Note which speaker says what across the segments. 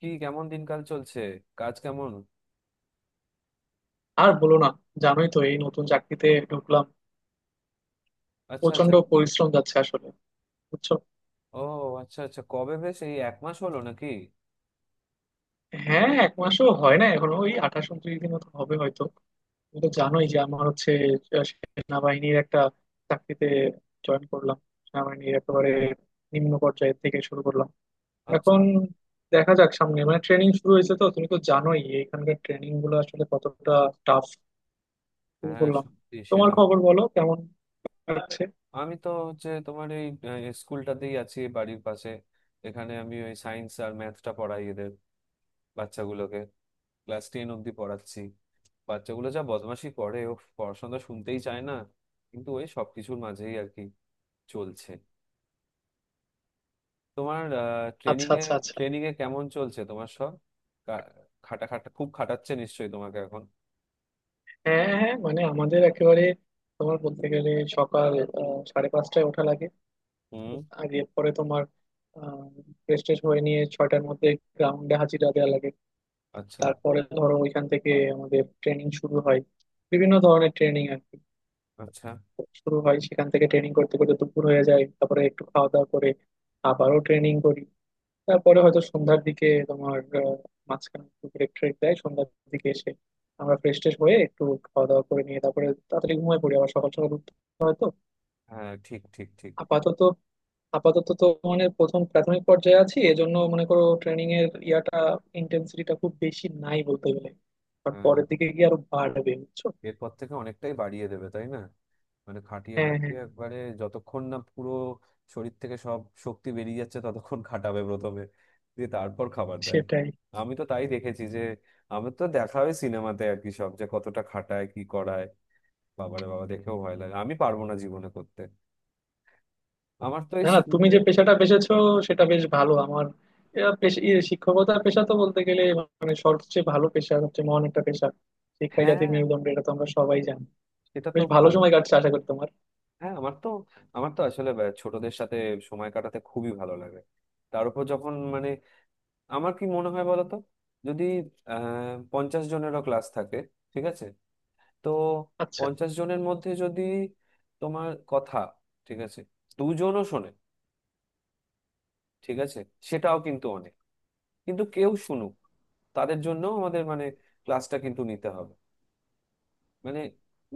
Speaker 1: কি কেমন দিনকাল চলছে? কাজ কেমন?
Speaker 2: আর বলো না। জানোই তো এই নতুন চাকরিতে ঢুকলাম।
Speaker 1: আচ্ছা আচ্ছা।
Speaker 2: প্রচন্ড পরিশ্রম যাচ্ছে আসলে, বুঝছো।
Speaker 1: ও আচ্ছা আচ্ছা, কবে, বেশ এই এক মাস হলো নাকি?
Speaker 2: হ্যাঁ, এক মাসও হয় না, এখন ওই 28-29 দিন মতো হবে হয়তো। তুমি তো
Speaker 1: ও
Speaker 2: জানোই যে আমার হচ্ছে সেনাবাহিনীর একটা চাকরিতে জয়েন করলাম। সেনাবাহিনীর একেবারে নিম্ন পর্যায়ে থেকে শুরু করলাম। এখন
Speaker 1: আচ্ছা।
Speaker 2: দেখা যাক সামনে, মানে ট্রেনিং শুরু হয়েছে তো। তুমি তো জানোই এখানকার ট্রেনিং গুলো আসলে কতটা টাফ। শুরু
Speaker 1: হ্যাঁ
Speaker 2: করলাম।
Speaker 1: সত্যি
Speaker 2: তোমার
Speaker 1: সেনা।
Speaker 2: খবর বলো, কেমন যাচ্ছে?
Speaker 1: আমি তো হচ্ছে তোমার এই স্কুলটাতেই আছি বাড়ির পাশে। এখানে আমি ওই সায়েন্স আর ম্যাথটা পড়াই এদের, বাচ্চাগুলোকে। ক্লাস 10 অব্দি পড়াচ্ছি। বাচ্চাগুলো যা বদমাশি করে, ও পড়াশোনা শুনতেই চায় না। কিন্তু ওই সবকিছুর মাঝেই আর কি, চলছে। তোমার ট্রেনিং
Speaker 2: আচ্ছা
Speaker 1: এ,
Speaker 2: আচ্ছা আচ্ছা।
Speaker 1: ট্রেনিং এ কেমন চলছে তোমার সব? কা- খাটা খাটা খুব খাটাচ্ছে নিশ্চয়ই তোমাকে এখন?
Speaker 2: হ্যাঁ হ্যাঁ, মানে আমাদের একেবারে তোমার বলতে গেলে সকাল 5:30টায় ওঠা লাগে।
Speaker 1: হুম।
Speaker 2: আর এরপরে তোমার ফ্রেশ ট্রেশ হয়ে নিয়ে 6টার মধ্যে গ্রাউন্ডে হাজিরা দেওয়া লাগে।
Speaker 1: আচ্ছা
Speaker 2: তারপরে ধরো ওইখান থেকে আমাদের ট্রেনিং শুরু হয়, বিভিন্ন ধরনের ট্রেনিং আর কি।
Speaker 1: আচ্ছা।
Speaker 2: শুরু হয় সেখান থেকে, ট্রেনিং করতে করতে দুপুর হয়ে যায়, তারপরে একটু খাওয়া দাওয়া করে আবারও ট্রেনিং করি। তারপরে হয়তো সন্ধ্যার দিকে তোমার আহ, মাঝখানে একটু ব্রেক ট্রেক দেয়, সন্ধ্যার দিকে এসে আমরা ফ্রেশ ট্রেশ হয়ে একটু খাওয়া দাওয়া করে নিয়ে তারপরে তাড়াতাড়ি ঘুমিয়ে পড়ি, আবার সকাল সকাল উঠতে হয় তো।
Speaker 1: হ্যাঁ ঠিক ঠিক ঠিক।
Speaker 2: আপাতত আপাতত তো মানে প্রথম প্রাথমিক পর্যায়ে আছি, এজন্য মনে করো ট্রেনিং এর ইয়াটা ইন্টেন্সিটিটা খুব বেশি নাই বলতে গেলে। আর
Speaker 1: হ্যাঁ
Speaker 2: পরের দিকে গিয়ে আরো বাড়বে, বুঝছো।
Speaker 1: এরপর থেকে অনেকটাই বাড়িয়ে দেবে তাই না? মানে খাটিয়ে
Speaker 2: হ্যাঁ হ্যাঁ,
Speaker 1: খাটিয়ে একবারে যতক্ষণ না পুরো শরীর থেকে সব শক্তি বেরিয়ে যাচ্ছে ততক্ষণ খাটাবে প্রথমে, দিয়ে তারপর খাবার দেয়।
Speaker 2: সেটাই।
Speaker 1: আমি তো তাই দেখেছি যে, আমি তো দেখা হয় সিনেমাতে আর কি, সব যে কতটা খাটায় কি করায়। বাবারে বাবা দেখেও ভয় লাগে, আমি পারবো না জীবনে করতে। আমার তো এই
Speaker 2: না না, তুমি
Speaker 1: স্কুলে।
Speaker 2: যে পেশাটা বেছেছো সেটা বেশ ভালো। আমার এরা শিক্ষকতা পেশা তো বলতে গেলে মানে সবচেয়ে ভালো পেশা, সবচেয়ে মহান একটা পেশা। শিক্ষাই জাতির
Speaker 1: হ্যাঁ
Speaker 2: মেরুদণ্ড, এটা তো আমরা সবাই জানি।
Speaker 1: সেটা তো
Speaker 2: বেশ ভালো
Speaker 1: ভালো।
Speaker 2: সময় কাটছে আশা করি তোমার।
Speaker 1: হ্যাঁ আমার তো আসলে ছোটদের সাথে সময় কাটাতে খুবই ভালো লাগে। তার উপর যখন মানে, আমার কি মনে হয় বলতো, যদি 50 জনেরও ক্লাস থাকে, ঠিক আছে, তো
Speaker 2: আচ্ছা।
Speaker 1: 50 জনের মধ্যে যদি, তোমার কথা, ঠিক আছে, দুজনও শোনে, ঠিক আছে, সেটাও কিন্তু অনেক। কিন্তু কেউ শুনুক, তাদের জন্য আমাদের মানে ক্লাসটা কিন্তু নিতে হবে। মানে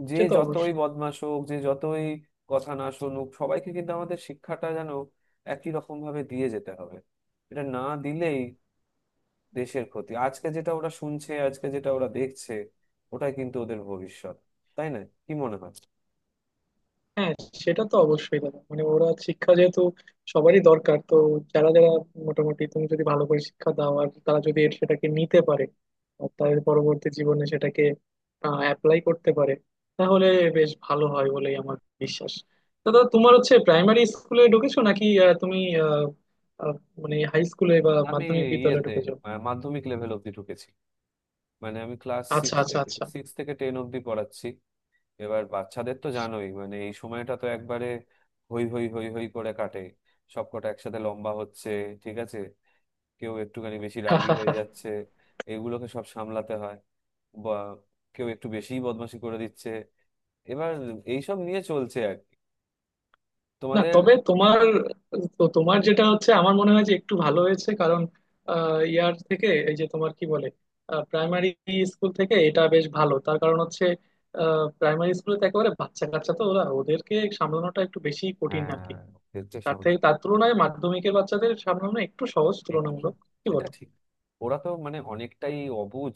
Speaker 1: যে
Speaker 2: সে তো
Speaker 1: যতই
Speaker 2: অবশ্যই।
Speaker 1: বদমাশ হোক, যে যতই কথা না শুনুক, সবাইকে কিন্তু আমাদের শিক্ষাটা যেন একই রকম ভাবে দিয়ে যেতে হবে। এটা না দিলেই দেশের ক্ষতি। আজকে যেটা ওরা শুনছে, আজকে যেটা ওরা দেখছে, ওটাই কিন্তু ওদের ভবিষ্যৎ, তাই না? কি মনে হয়?
Speaker 2: হ্যাঁ, সেটা তো অবশ্যই দাদা, মানে ওরা শিক্ষা যেহেতু সবারই দরকার তো। যারা যারা মোটামুটি, তুমি যদি ভালো করে শিক্ষা দাও আর তারা যদি এর সেটাকে নিতে পারে আর তাদের পরবর্তী জীবনে সেটাকে অ্যাপ্লাই করতে পারে, তাহলে বেশ ভালো হয় বলেই আমার বিশ্বাস। তো দাদা তোমার হচ্ছে প্রাইমারি স্কুলে ঢুকেছো নাকি, তুমি আহ, আহ, মানে হাই স্কুলে বা
Speaker 1: আমি
Speaker 2: মাধ্যমিক বিদ্যালয়ে
Speaker 1: ইয়েতে,
Speaker 2: ঢুকেছো?
Speaker 1: মাধ্যমিক লেভেল অব্দি ঢুকেছি। মানে আমি ক্লাস
Speaker 2: আচ্ছা
Speaker 1: সিক্স
Speaker 2: আচ্ছা
Speaker 1: থেকে
Speaker 2: আচ্ছা।
Speaker 1: সিক্স থেকে 10 অব্দি পড়াচ্ছি। এবার বাচ্চাদের তো জানোই মানে, এই সময়টা তো একবারে হই হই হই হই করে কাটে। সবকটা একসাথে লম্বা হচ্ছে, ঠিক আছে, কেউ একটুখানি বেশি রাগী হয়ে যাচ্ছে, এগুলোকে সব সামলাতে হয়, বা কেউ একটু বেশিই বদমাশি করে দিচ্ছে। এবার এইসব নিয়ে চলছে আর কি,
Speaker 2: না
Speaker 1: তোমাদের।
Speaker 2: তবে তোমার তো তোমার যেটা হচ্ছে আমার মনে হয় যে একটু ভালো হয়েছে, কারণ ইয়ার থেকে এই যে তোমার কি বলে প্রাইমারি স্কুল থেকে, এটা বেশ ভালো। তার কারণ হচ্ছে প্রাইমারি স্কুলে তো একেবারে বাচ্চা কাচ্চা তো, ওরা ওদেরকে সামলানোটা একটু বেশি কঠিন আর কি।
Speaker 1: হ্যাঁ,
Speaker 2: তার তুলনায় মাধ্যমিকের বাচ্চাদের সামলানো একটু সহজ
Speaker 1: একটু।
Speaker 2: তুলনামূলক, কি
Speaker 1: সেটা
Speaker 2: বলো।
Speaker 1: ঠিক। ওরা তো মানে অনেকটাই অবুঝ,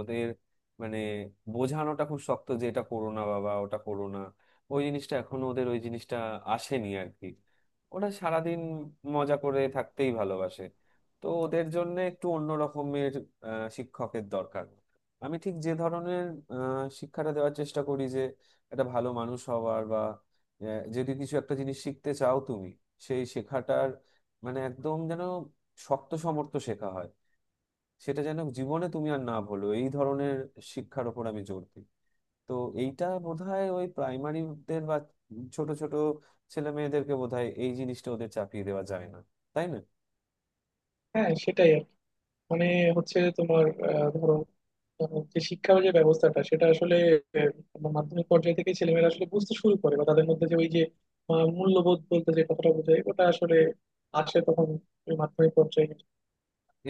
Speaker 1: ওদের মানে বোঝানোটা খুব শক্ত যে এটা করো না বাবা, ওটা করো না। ওই জিনিসটা এখনো ওদের, ওই জিনিসটা আসেনি আর কি। ওরা সারাদিন মজা করে থাকতেই ভালোবাসে। তো ওদের জন্য একটু অন্য রকমের শিক্ষকের দরকার। আমি ঠিক যে ধরনের শিক্ষাটা দেওয়ার চেষ্টা করি, যে একটা ভালো মানুষ হওয়ার, বা যদি কিছু একটা জিনিস শিখতে চাও তুমি, সেই শেখাটার মানে একদম যেন শক্ত সমর্থ শেখা হয়, সেটা যেন জীবনে তুমি আর না ভুলো, এই ধরনের শিক্ষার ওপর আমি জোর দিই। তো এইটা বোধহয় ওই প্রাইমারিদের বা ছোট ছোট ছেলে মেয়েদেরকে বোধহয় এই জিনিসটা ওদের চাপিয়ে দেওয়া যায় না, তাই না?
Speaker 2: হ্যাঁ, সেটাই আর কি। মানে হচ্ছে তোমার ধরো যে শিক্ষার যে ব্যবস্থাটা সেটা আসলে তোমার মাধ্যমিক পর্যায়ে থেকে ছেলেমেয়েরা আসলে বুঝতে শুরু করে, বা তাদের মধ্যে যে ওই যে মূল্যবোধ বলতে যে কথাটা বোঝায় ওটা আসলে আসে তখন, ওই মাধ্যমিক পর্যায়ে।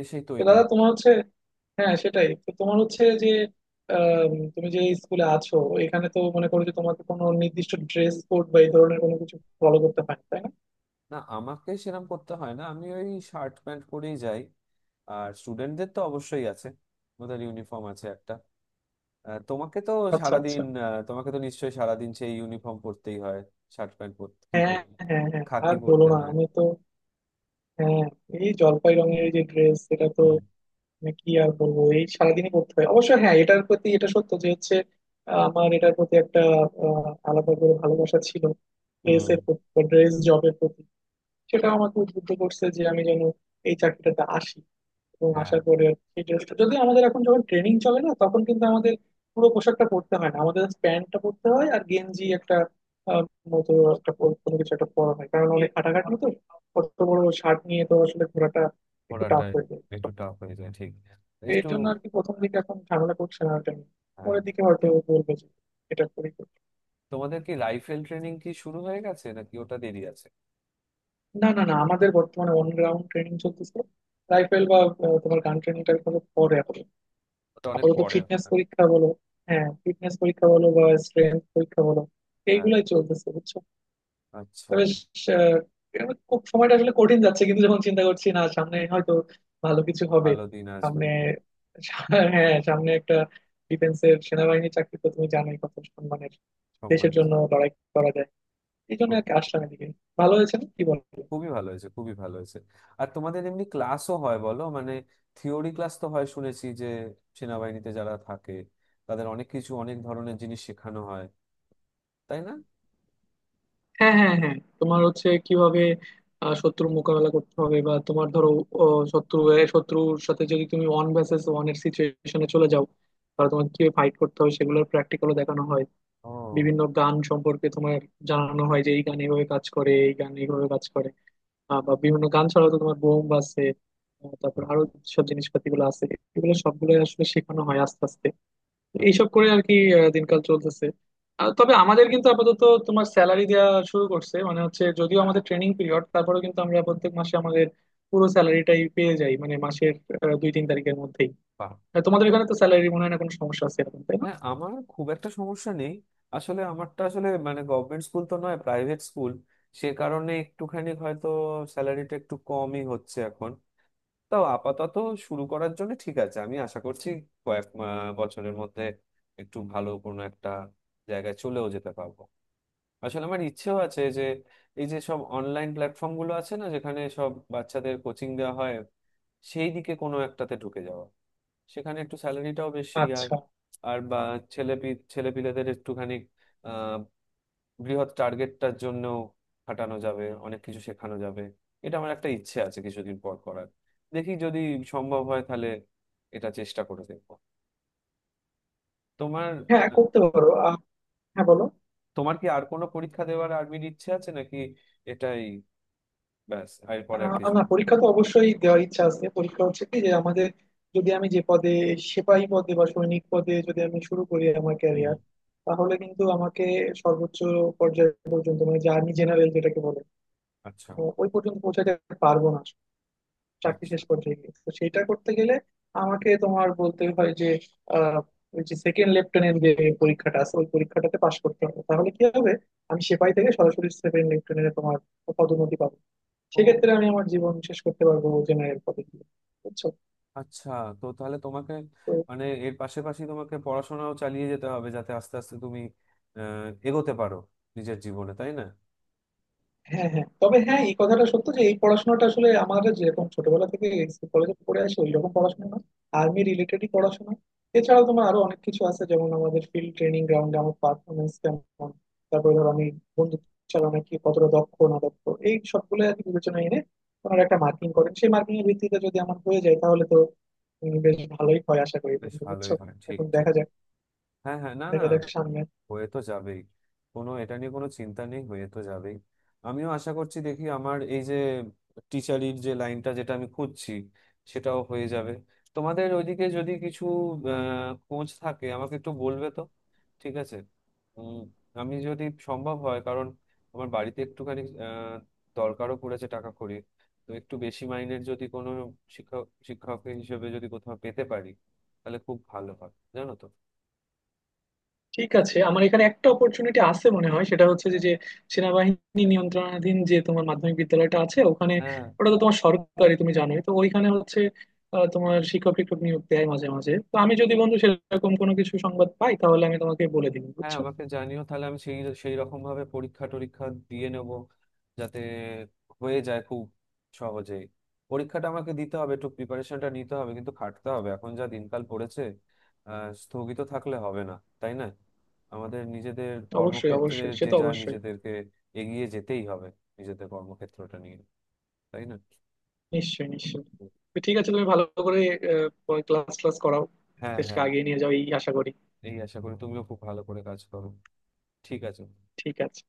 Speaker 1: এসেই
Speaker 2: তো
Speaker 1: তৈরি
Speaker 2: দাদা
Speaker 1: হতো।
Speaker 2: তোমার হচ্ছে, হ্যাঁ সেটাই তো তোমার হচ্ছে যে তুমি যে স্কুলে আছো এখানে তো মনে করো যে তোমাকে কোনো নির্দিষ্ট ড্রেস কোড বা এই ধরনের কোনো কিছু ফলো করতে হয় না, তাই না?
Speaker 1: না আমাকে সেরকম করতে হয় না, আমি ওই শার্ট প্যান্ট পরেই যাই। আর স্টুডেন্টদের তো অবশ্যই আছে, ওদের ইউনিফর্ম আছে একটা। তোমাকে তো
Speaker 2: আচ্ছা
Speaker 1: সারাদিন,
Speaker 2: আচ্ছা।
Speaker 1: তোমাকে তো নিশ্চয়ই সারাদিন সেই ইউনিফর্ম পরতেই হয়, শার্ট প্যান্ট পরতে কি
Speaker 2: হ্যাঁ
Speaker 1: পরতে,
Speaker 2: হ্যাঁ হ্যাঁ, আর
Speaker 1: খাকি
Speaker 2: বলো
Speaker 1: পরতে
Speaker 2: না,
Speaker 1: হয়।
Speaker 2: আমি তো হ্যাঁ, এই জলপাই রঙের এই যে ড্রেস সেটা তো
Speaker 1: হুম।
Speaker 2: মানে কি আর বলবো, এই সারাদিনই পড়তে হয় অবশ্য। হ্যাঁ, এটার প্রতি এটা সত্য যে হচ্ছে আমার এটার প্রতি একটা আলাদা করে ভালোবাসা ছিল,
Speaker 1: হুম।
Speaker 2: ড্রেসের প্রতি, ড্রেস জবের প্রতি। সেটা আমাকে উদ্বুদ্ধ করছে যে আমি যেন এই চাকরিটাতে আসি, এবং
Speaker 1: হ্যাঁ
Speaker 2: আসার পরে সেই ড্রেসটা যদি আমাদের এখন যখন ট্রেনিং চলে না তখন কিন্তু আমাদের পুরো পোশাকটা পরতে হয় না, আমাদের প্যান্টটা পরতে হয় আর গেঞ্জি একটা আহ, মতো একটা কোনো কিছু একটা পরা হয়, কারণ অনেক হাঁটাঘাটি তো, অত বড় শার্ট নিয়ে তো আসলে ঘোরাটা একটু
Speaker 1: ঘোড়াটা
Speaker 2: টাফ হয়ে যায়
Speaker 1: একটু
Speaker 2: তখন।
Speaker 1: টাফ হয়ে যায়, ঠিক।
Speaker 2: তো এই
Speaker 1: একটু।
Speaker 2: জন্য আর কি, প্রথম দিকে এখন ঝামেলা করছে না এটা নিয়ে।
Speaker 1: হ্যাঁ
Speaker 2: পরের দিকে হয়তো বলবে যে এটা করি করি।
Speaker 1: তোমাদের কি রাইফেল ট্রেনিং কি শুরু হয়ে গেছে নাকি, ওটা দেরি আছে?
Speaker 2: না না না, আমাদের বর্তমানে অন গ্রাউন্ড ট্রেনিং চলতেছে। রাইফেল বা তোমার গান ট্রেনিংটা হলো পরে, আপাতত
Speaker 1: ওটা অনেক
Speaker 2: আপাতত
Speaker 1: পরে হবে
Speaker 2: ফিটনেস
Speaker 1: না?
Speaker 2: পরীক্ষা বলো, হ্যাঁ ফিটনেস পরীক্ষা বলো বা স্ট্রেংথ পরীক্ষা বলো,
Speaker 1: হ্যাঁ।
Speaker 2: এইগুলাই চলতেছে, বুঝছো। তো
Speaker 1: আচ্ছা।
Speaker 2: বেশ আহ, এবার খুব সময়টা আসলে কঠিন যাচ্ছে, কিন্তু যখন চিন্তা করছি না সামনে হয়তো ভালো কিছু হবে
Speaker 1: ভালো দিন আসবে।
Speaker 2: সামনে। আর হ্যাঁ, সামনে একটা ডিফেন্সের সেনাবাহিনী চাকরি, তো তুমি জানোই কত সম্মানের,
Speaker 1: সংবাদ।
Speaker 2: দেশের জন্য লড়াই করা যায়, এই জন্য আর কি
Speaker 1: সত্যি।
Speaker 2: আসলাম এদিকে। ভালো হয়েছে না, কি বলো।
Speaker 1: খুবই ভালো হয়েছে, খুবই ভালো হয়েছে। আর তোমাদের এমনি ক্লাসও হয় বলো মানে, থিওরি ক্লাস তো হয় শুনেছি, যে সেনাবাহিনীতে যারা থাকে তাদের অনেক কিছু, অনেক ধরনের জিনিস শেখানো হয়, তাই না?
Speaker 2: হ্যাঁ হ্যাঁ হ্যাঁ, তোমার হচ্ছে কিভাবে শত্রুর মোকাবেলা করতে হবে, বা তোমার ধরো ও, শত্রুর সাথে যদি তুমি ওয়ান ভার্সেস ওয়ান এর সিচুয়েশনে চলে যাও, তাহলে তোমাকে কিভাবে ফাইট করতে হবে সেগুলোর প্র্যাকটিক্যালও দেখানো হয়।
Speaker 1: ও।
Speaker 2: বিভিন্ন গান সম্পর্কে তোমার জানানো হয় যে এই গান এইভাবে কাজ করে, এই গান এইভাবে কাজ করে। বা বিভিন্ন গান ছাড়াও তো তোমার বোম আছে, তারপর আরো সব জিনিসপাতি গুলো আছে, এগুলো সবগুলো আসলে শেখানো হয় আস্তে আস্তে। এইসব করে আর কি দিনকাল চলতেছে। তবে আমাদের কিন্তু আপাতত তোমার স্যালারি দেওয়া শুরু করছে, মানে হচ্ছে যদিও আমাদের ট্রেনিং পিরিয়ড তারপরেও কিন্তু আমরা প্রত্যেক মাসে আমাদের পুরো স্যালারিটাই পেয়ে যাই, মানে মাসের 2-3 তারিখের মধ্যেই।
Speaker 1: বাহ।
Speaker 2: তোমাদের এখানে তো স্যালারি মনে হয় না কোনো সমস্যা আছে এরকম, তাই না?
Speaker 1: হ্যাঁ আমার খুব একটা সমস্যা নেই। আসলে আমারটা আসলে মানে গভর্নমেন্ট স্কুল তো নয়, প্রাইভেট স্কুল। সে কারণে একটুখানি হয়তো স্যালারিটা একটু কমই হচ্ছে এখন। তাও আপাতত শুরু করার জন্য ঠিক আছে। আমি আশা করছি কয়েক বছরের মধ্যে একটু ভালো কোনো একটা জায়গায় চলেও যেতে পারবো। আসলে আমার ইচ্ছেও আছে যে এই যে সব অনলাইন প্ল্যাটফর্ম গুলো আছে না, যেখানে সব বাচ্চাদের কোচিং দেওয়া হয়, সেই দিকে কোনো একটাতে ঢুকে যাওয়া। সেখানে একটু স্যালারিটাও বেশি, আর,
Speaker 2: আচ্ছা।
Speaker 1: আর বা ছেলে, ছেলেপিলেদের একটুখানি আহ বৃহৎ টার্গেটটার জন্য খাটানো যাবে, অনেক কিছু শেখানো যাবে। এটা আমার একটা ইচ্ছে আছে কিছুদিন পর করার। দেখি যদি সম্ভব হয় তাহলে এটা চেষ্টা করে দেখবো। তোমার,
Speaker 2: হ্যাঁ,
Speaker 1: আহ,
Speaker 2: করতে পারো হ্যাঁ বলো।
Speaker 1: তোমার কি আর কোনো পরীক্ষা দেওয়ার আর্মির ইচ্ছে আছে নাকি? এটাই? ব্যাস এরপরে আর
Speaker 2: আহ
Speaker 1: কিছু
Speaker 2: না,
Speaker 1: না?
Speaker 2: পরীক্ষা তো অবশ্যই দেওয়ার ইচ্ছা আছে। পরীক্ষা হচ্ছে কি, যে আমাদের যদি আমি যে পদে সেপাহী পদে বা সৈনিক পদে যদি আমি শুরু করি আমার
Speaker 1: হুম।
Speaker 2: ক্যারিয়ার, তাহলে কিন্তু আমাকে সর্বোচ্চ পর্যায় পর্যন্ত মানে যে আর্মি জেনারেল যেটাকে বলে
Speaker 1: আচ্ছা।
Speaker 2: ওই পর্যন্ত পৌঁছাতে পারবো না। চাকরি
Speaker 1: আচ্ছা।
Speaker 2: শেষ পর্যায়ে গিয়ে তো সেটা করতে গেলে আমাকে তোমার বলতে হয় যে আহ ওই যে সেকেন্ড লেফটেন্যান্ট যে পরীক্ষাটা আছে, ওই পরীক্ষাটাতে পাশ করতে হবে, তাহলে কি হবে, আমি সেপাহী থেকে সরাসরি সেকেন্ড লেফটেন্যান্টে তোমার পদোন্নতি পাবো।
Speaker 1: ও
Speaker 2: সেক্ষেত্রে আমি আমার জীবন শেষ করতে পারবো জেনারেল কলেজ দিয়ে, বুঝছো
Speaker 1: আচ্ছা। তো তাহলে তোমাকে,
Speaker 2: তো।
Speaker 1: মানে এর পাশাপাশি তোমাকে পড়াশোনাও চালিয়ে যেতে হবে, যাতে আস্তে আস্তে তুমি এগোতে পারো নিজের জীবনে, তাই না?
Speaker 2: হ্যাঁ হ্যাঁ, তবে হ্যাঁ, এই কথাটা সত্য যে এই পড়াশোনাটা আসলে আমাদের যেরকম ছোটবেলা থেকে কলেজে পড়ে আসে ওই রকম পড়াশোনা না, আর্মি রিলেটেডই পড়াশোনা। এছাড়াও তোমার আরো অনেক কিছু আছে, যেমন আমাদের ফিল্ড ট্রেনিং গ্রাউন্ডে আমার পারফরমেন্স কেমন, তারপরে ধর আমি বন্দুক চালানোয় কি কতটা দক্ষ না দক্ষ, এই সবগুলো আর কি বিবেচনায় এনে ওনারা একটা মার্কিং করেন, সেই মার্কিং এর ভিত্তিতে যদি আমার হয়ে যায় তাহলে তো বেশ ভালোই হয়, আশা করি
Speaker 1: বেশ
Speaker 2: বন্ধু,
Speaker 1: ভালোই
Speaker 2: বুঝছো।
Speaker 1: হয়, ঠিক
Speaker 2: এখন
Speaker 1: ঠিক।
Speaker 2: দেখা যাক,
Speaker 1: হ্যাঁ হ্যাঁ, না না,
Speaker 2: সামনে।
Speaker 1: হয়ে তো যাবেই। কোনো, এটা নিয়ে কোনো চিন্তা নেই, হয়ে তো যাবেই। আমিও আশা করছি, দেখি আমার এই যে টিচারির যে লাইনটা যেটা আমি খুঁজছি, সেটাও হয়ে যাবে। তোমাদের ওইদিকে যদি কিছু খোঁজ থাকে আমাকে একটু বলবে তো। ঠিক আছে। উম, আমি যদি সম্ভব হয়, কারণ আমার বাড়িতে একটুখানি দরকারও পড়েছে টাকা কড়ি। তো একটু বেশি মাইনের যদি কোনো শিক্ষক শিক্ষক হিসেবে যদি কোথাও পেতে পারি তাহলে খুব ভালো হয় জানো তো।
Speaker 2: ঠিক আছে, আমার এখানে একটা অপরচুনিটি আছে মনে হয়, সেটা হচ্ছে যে যে সেনাবাহিনী নিয়ন্ত্রণাধীন যে তোমার মাধ্যমিক বিদ্যালয়টা আছে ওখানে,
Speaker 1: হ্যাঁ
Speaker 2: ওটা তো তোমার সরকারি, তুমি জানোই তো, ওইখানে হচ্ছে তোমার শিক্ষক টিক্ষক নিয়োগ দেয় মাঝে মাঝে, তো আমি যদি বন্ধু সেরকম কোনো কিছু সংবাদ পাই তাহলে আমি তোমাকে বলে দিব,
Speaker 1: হ্যাঁ
Speaker 2: বুঝছো।
Speaker 1: আমাকে জানিও, তাহলে আমি সেই সেই রকম ভাবে পরীক্ষা টরীক্ষা দিয়ে নেব, যাতে হয়ে যায় খুব সহজেই। পরীক্ষাটা আমাকে দিতে হবে, একটু প্রিপারেশনটা নিতে হবে, কিন্তু খাটতে হবে এখন যা দিনকাল পড়েছে। স্থগিত থাকলে হবে না, তাই না? আমাদের নিজেদের
Speaker 2: অবশ্যই
Speaker 1: কর্মক্ষেত্রে
Speaker 2: অবশ্যই, সে
Speaker 1: যে
Speaker 2: তো
Speaker 1: যা
Speaker 2: অবশ্যই।
Speaker 1: নিজেদেরকে এগিয়ে যেতেই হবে, নিজেদের কর্মক্ষেত্রটা নিয়ে, তাই না?
Speaker 2: নিশ্চয়ই নিশ্চয়ই। তো ঠিক আছে, তুমি ভালো করে ক্লাস ক্লাস করাও,
Speaker 1: হ্যাঁ
Speaker 2: দেশকে
Speaker 1: হ্যাঁ।
Speaker 2: আগিয়ে নিয়ে যাও, এই আশা করি।
Speaker 1: এই আশা করি তুমিও খুব ভালো করে কাজ করো। ঠিক আছে।
Speaker 2: ঠিক আছে।